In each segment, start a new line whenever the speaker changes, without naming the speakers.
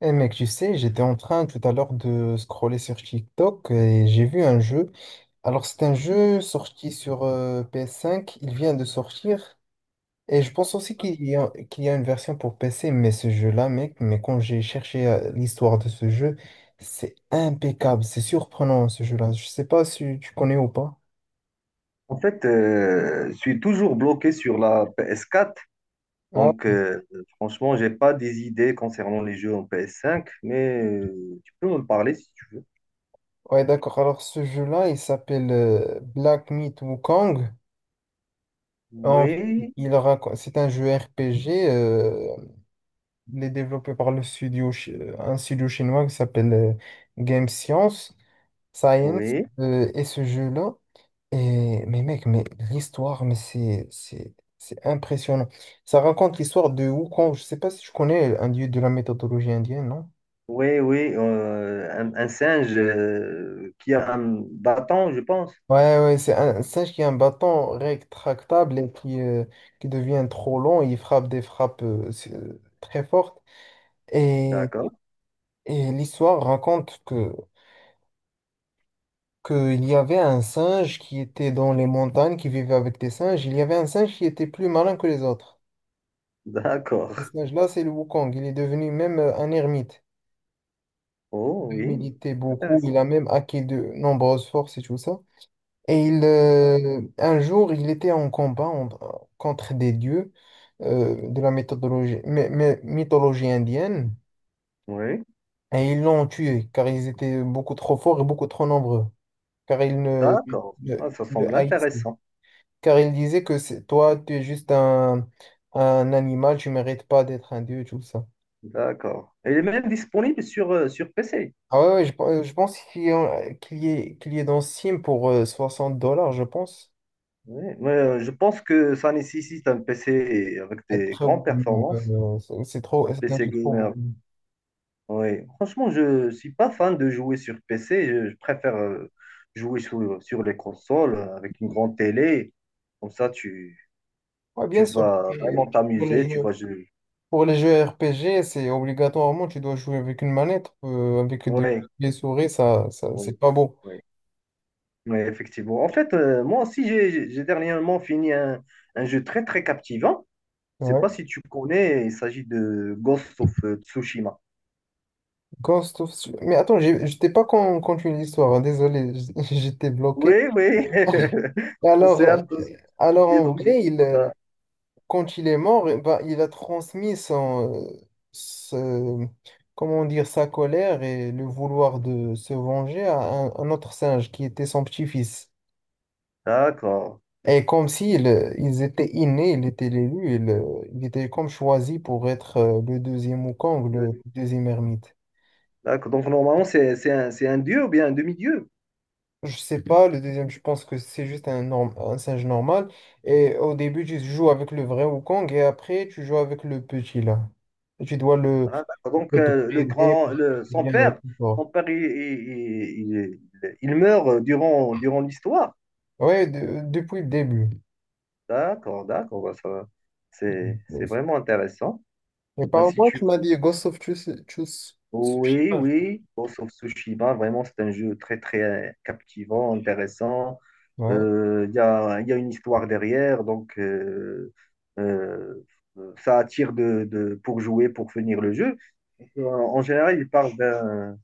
Eh mec, tu sais, j'étais en train tout à l'heure de scroller sur TikTok et j'ai vu un jeu. Alors, c'est un jeu sorti sur PS5, il vient de sortir et je pense aussi qu'il y a une version pour PC, mais ce jeu-là, mec, mais quand j'ai cherché l'histoire de ce jeu, c'est impeccable, c'est surprenant ce jeu-là. Je sais pas si tu connais ou pas.
En fait, je suis toujours bloqué sur la PS4.
Ah,
Donc, franchement, j'ai pas des idées concernant les jeux en PS5, mais tu peux me parler si tu veux.
ouais, d'accord. Alors, ce jeu-là, il s'appelle Black Myth Wukong. En-
Oui,
il raconte, c'est un jeu RPG. Il est développé par le studio, un studio chinois qui s'appelle Game Science, Science,
oui,
et ce jeu-là. Et, mais mec, mais l'histoire, mais c'est impressionnant. Ça raconte l'histoire de Wukong. Je sais pas si tu connais un dieu de la méthodologie indienne, non?
oui, oui. Un singe qui a un bâton, je pense.
Ouais, c'est un singe qui a un bâton rétractable et qui devient trop long. Il frappe des frappes très fortes. Et,
D'accord.
et l'histoire raconte que qu'il y avait un singe qui était dans les montagnes, qui vivait avec des singes. Il y avait un singe qui était plus malin que les autres.
D'accord.
Ce singe-là, c'est le Wukong. Il est devenu même un ermite.
Oh,
Il
oui,
méditait beaucoup. Il
intéressant.
a même acquis de nombreuses forces et tout ça. Et il, un jour, il était contre des dieux de la mythologie indienne.
Oui,
Et ils l'ont tué car ils étaient beaucoup trop forts et beaucoup trop nombreux. Car ils ne,
d'accord.
ne,
Ah, ça
le
semble
haïssaient.
intéressant.
Car il disait que toi, tu es juste un animal, tu mérites pas d'être un dieu, tout ça.
D'accord. Et il est même disponible sur PC.
Ah ouais, ouais, je pense qu'il y est dans Steam pour 60 dollars, je pense.
Ouais, ouais, je pense que ça nécessite un PC avec des
Après,
grandes
oui, non,
performances,
c'est trop,
un
c'est un
PC
jeu trop
gamer.
gros.
Ouais. Franchement, je ne suis pas fan de jouer sur PC. Je préfère jouer sur les consoles, avec une grande télé. Comme ça, tu,
Ouais,
tu
bien sûr.
vas vraiment
Et Pour les
t'amuser. Tu vas
jeux,
jouer.
pour les jeux RPG, c'est obligatoirement, tu dois jouer avec une manette, avec
Oui,
des souris, ça,
oui,
c'est pas beau.
oui, ouais, effectivement. En fait, moi aussi, j'ai dernièrement fini un jeu très, très captivant. Je ne sais
Ouais.
pas si tu connais, il s'agit de Ghost of Tsushima.
Ghost of... Mais attends, je t'ai pas continué l'histoire, hein. Désolé, j'étais
Oui,
bloqué.
oui. On
Alors,
s'est hâte de ce
Alors
sujet,
en
donc
vrai,
j'écoute.
il, quand il est mort, eh ben, il a transmis son, ce- comment dire, sa colère et le vouloir de se venger à un autre singe qui était son petit-fils.
D'accord.
Et comme s'ils ils étaient innés, il était l'élu, il était comme choisi pour être le deuxième Wukong, le
Le-
deuxième ermite.
D'accord. Donc normalement, c'est un dieu ou bien un demi-dieu.
Je sais pas, le deuxième, je pense que c'est juste un singe normal. Et au début, tu joues avec le vrai Wukong et après, tu joues avec le petit là. Et tu dois le...
Voilà, d'accord. Donc
Et
le
depuis le début,
grand, le,
il y a un
son
support.
père, il meurt durant l'histoire.
Ouais, depuis le début.
D'accord, d'accord. Bah, ça va. C'est vraiment intéressant.
Mais
Ben, si
parle-moi, tu
tu
m'as
veux.
dit Ghost of
Oui,
Tsushima.
oui, Ghost of Tsushima, vraiment, c'est un jeu très, très captivant, intéressant.
Ouais,
Il y a une histoire derrière, donc euh, ça attire pour jouer, pour finir le jeu. En en général, il parle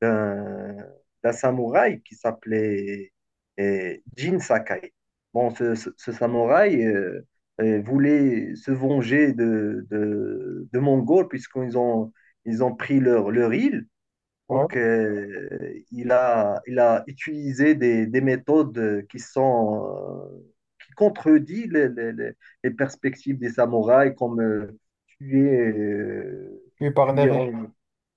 d'un d'un samouraï qui s'appelait Jin Sakai. Bon, ce samouraï voulait se venger de Mongols puisqu'ils ont pris leur île. Donc,
ouais.
il a utilisé des méthodes euh, qui contredisent les perspectives des samouraïs, comme tuer, euh,
Puis par
tuer
derrière.
en,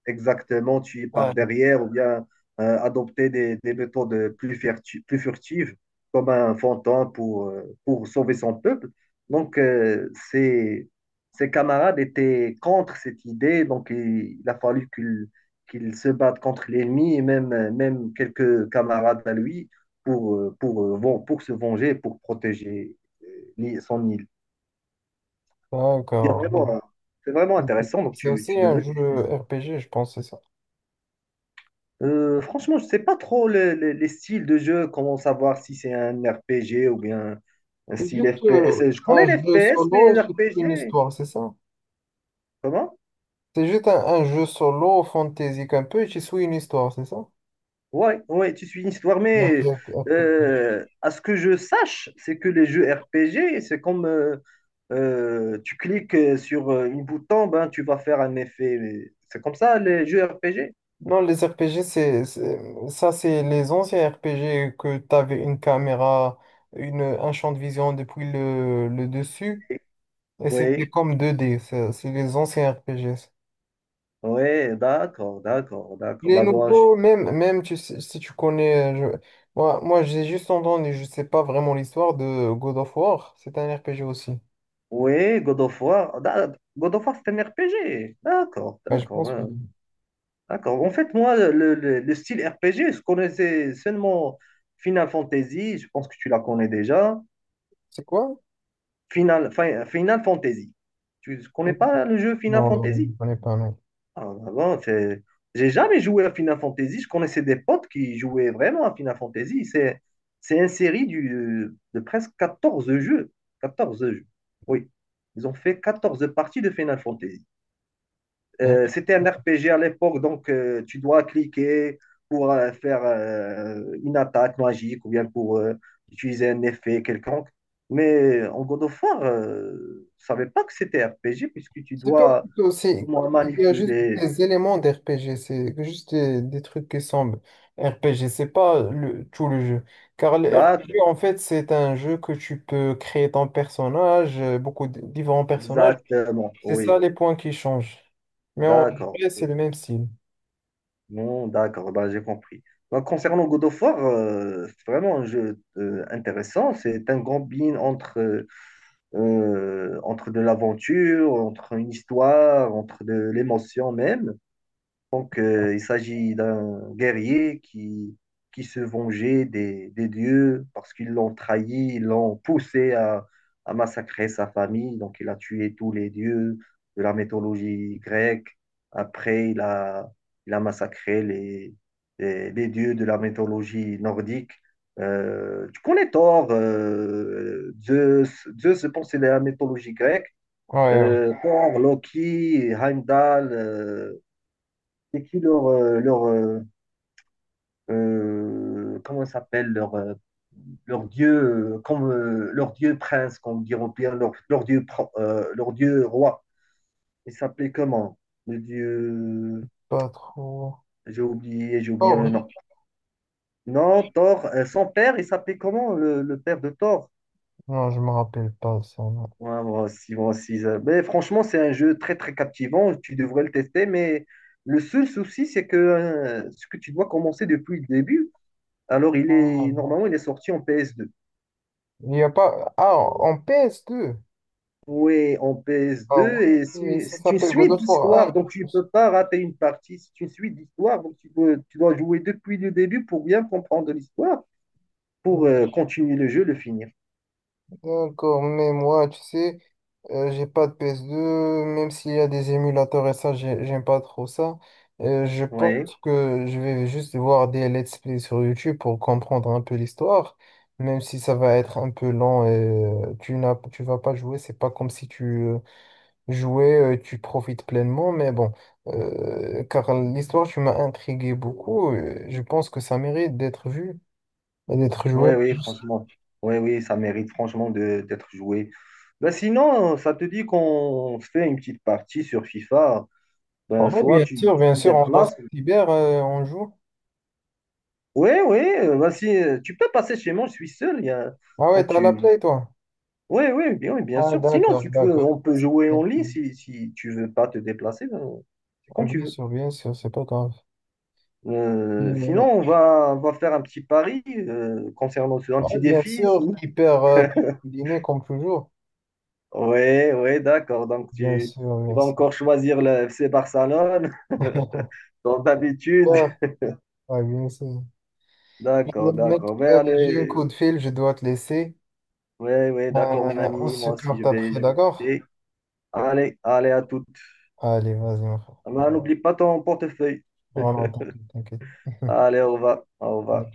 exactement tuer
Ah,
par derrière ou bien adopter des méthodes plus furtives comme un fantin pour sauver son peuple. Donc, ses camarades étaient contre cette idée, donc il a fallu qu'il se batte contre l'ennemi et même quelques camarades à lui pour se venger, pour protéger euh, son île. Il y a
d'accord.
vraiment, c'est vraiment intéressant, donc
C'est
tu,
aussi
tu
un
devais.
jeu RPG, je pense, c'est ça.
Franchement, je sais pas trop les styles de jeu, comment savoir si c'est un RPG ou bien un
C'est
style
juste
FPS. Je connais
un
les
jeu
FPS, mais
solo,
les
c'est une
RPG,
histoire, c'est ça?
comment?
C'est juste un jeu solo, fantasy un peu, et tu suis une histoire, c'est ça?
Ouais, ouais, tu suis une histoire,
Un
mais
jeu RPG.
à ce que je sache, c'est que les jeux RPG, c'est comme tu cliques sur une bouton, ben, tu vas faire un effet. Mais c'est comme ça, les jeux RPG?
Non, les RPG, ça, c'est les anciens RPG que tu avais une caméra, un champ de vision depuis le dessus,
Oui,
et c'était
oui,
comme 2D. C'est les anciens RPG.
ouais, d'accord, d'accord, d'accord.
Les
Bah, bon.
nouveaux, même, même si tu connais, moi, j'ai juste entendu, je sais pas vraiment l'histoire de God of War. C'est un RPG aussi.
Oui, God of War. God of War, c'est un RPG. D'accord,
Bah, je
d'accord,
pense que
ouais, d'accord. En fait, moi, le style RPG, je connaissais seulement Final Fantasy. Je pense que tu la connais déjà.
c'est quoi?
Final Fantasy. Tu ne connais pas le jeu Final
Non, non, je ne
Fantasy?
connais pas, non.
Ah, bah, bon, c'est. J'ai jamais joué à Final Fantasy. Je connaissais des potes qui jouaient vraiment à Final Fantasy. C'est une série de presque 14 jeux. 14 jeux. Oui. Ils ont fait 14 parties de Final Fantasy. C'était un RPG à l'époque, donc tu dois cliquer pour faire une attaque magique ou bien pour utiliser un effet quelconque. Mais en God of War, je savais pas que c'était RPG puisque tu
C'est pas
dois
plutôt, c'est,
moi,
il y a juste
manipuler.
des éléments d'RPG, c'est juste des trucs qui semblent RPG, c'est pas le, tout le jeu. Car le RPG,
D'accord,
en fait, c'est un jeu que tu peux créer ton personnage, beaucoup de différents personnages.
exactement,
C'est ça
oui,
les points qui changent. Mais en
d'accord.
vrai, c'est le même style.
Non, d'accord, ben, j'ai compris. Ben, concernant God of War, c'est vraiment un jeu intéressant. C'est un combine entre de l'aventure, entre une histoire, entre de l'émotion même. Donc, il s'agit d'un guerrier qui se vengeait des dieux parce qu'ils l'ont trahi, ils l'ont poussé à massacrer sa famille. Donc, il a tué tous les dieux de la mythologie grecque. Après, il a massacré les dieux de la mythologie nordique. Tu connais Thor, Zeus, je pense, c'est de la mythologie grecque.
Ouais, ouais.
Thor, Loki, Heimdall. C'est qui leur, comment ça s'appelle leur, leur dieu, comme leur dieu prince, comme diront Pierre, leur dieu roi, il s'appelait comment, le dieu.
Pas trop.
J'ai oublié, j'ai oublié
Or,
le
non,
nom. Non, Thor, son père, il s'appelait comment, le père de Thor?
non, je me rappelle pas ça, non.
Ouais, moi aussi, moi aussi mais franchement c'est un jeu très très captivant, tu devrais le tester, mais le seul souci c'est que ce que tu dois commencer depuis le début. Alors, il
Ah,
est,
non.
normalement, il est sorti en PS2.
Il n'y a pas. Ah, en ps deux.
Oui, en
Ah
PS2, et
ouais,
c'est
ça
c'est une
s'appelle God
suite
of War un,
d'histoire,
je
donc tu ne
pense.
peux pas rater une partie. C'est une suite d'histoire, donc tu dois jouer depuis le début pour bien comprendre l'histoire, pour continuer le jeu, le finir.
D'accord, mais moi, tu sais, j'ai pas de PS2, même s'il y a des émulateurs et ça, j'aime pas trop ça. Je pense
Oui,
que je vais juste voir des let's play sur YouTube pour comprendre un peu l'histoire, même si ça va être un peu lent et tu vas pas jouer, c'est pas comme si tu jouais, tu profites pleinement, mais bon, car l'histoire, tu m'as intrigué beaucoup, je pense que ça mérite d'être vu et d'être joué.
oui, oui, franchement. Oui, oui, ça mérite franchement d'être joué. Ben, sinon, ça te dit qu'on se fait une petite partie sur FIFA. Ben,
Ouais,
soit tu
bien
tu te
sûr, on passe
déplaces.
cyber, on joue.
Oui, oui, ben, si, tu peux passer chez moi, je suis seul.
Ah ouais,
Donc
t'as la
tu.
play, toi?
Oui, oui, bien
Ah,
sûr. Sinon,
d'accord, d'accord.
on peut jouer en ligne si tu veux pas te déplacer. Ben. C'est
Ah,
quand tu veux.
bien sûr, c'est pas grave.
Sinon,
Mais,
on va faire un petit pari un
ouais,
petit
bien
défi. Si.
sûr, hyper dîner comme toujours.
Oui, oui, d'accord. Donc,
Bien
tu,
sûr,
tu
bien
vas
sûr.
encore choisir le FC Barcelone, comme d'habitude.
Ah, ouais, bien sûr. Mais,
D'accord,
mec,
d'accord. Mais
j'ai un
allez,
coup de fil, je dois te laisser.
oui, oui, d'accord, mon
On
ami.
se
Moi aussi, je
capte
vais,
après,
je vais
d'accord?
quitter. Allez, allez, à toutes.
Allez, vas-y, mon frère.
Ah, ben, n'oublie pas ton portefeuille.
Non, non, t'inquiète, t'inquiète.
Allez, au revoir. Au revoir.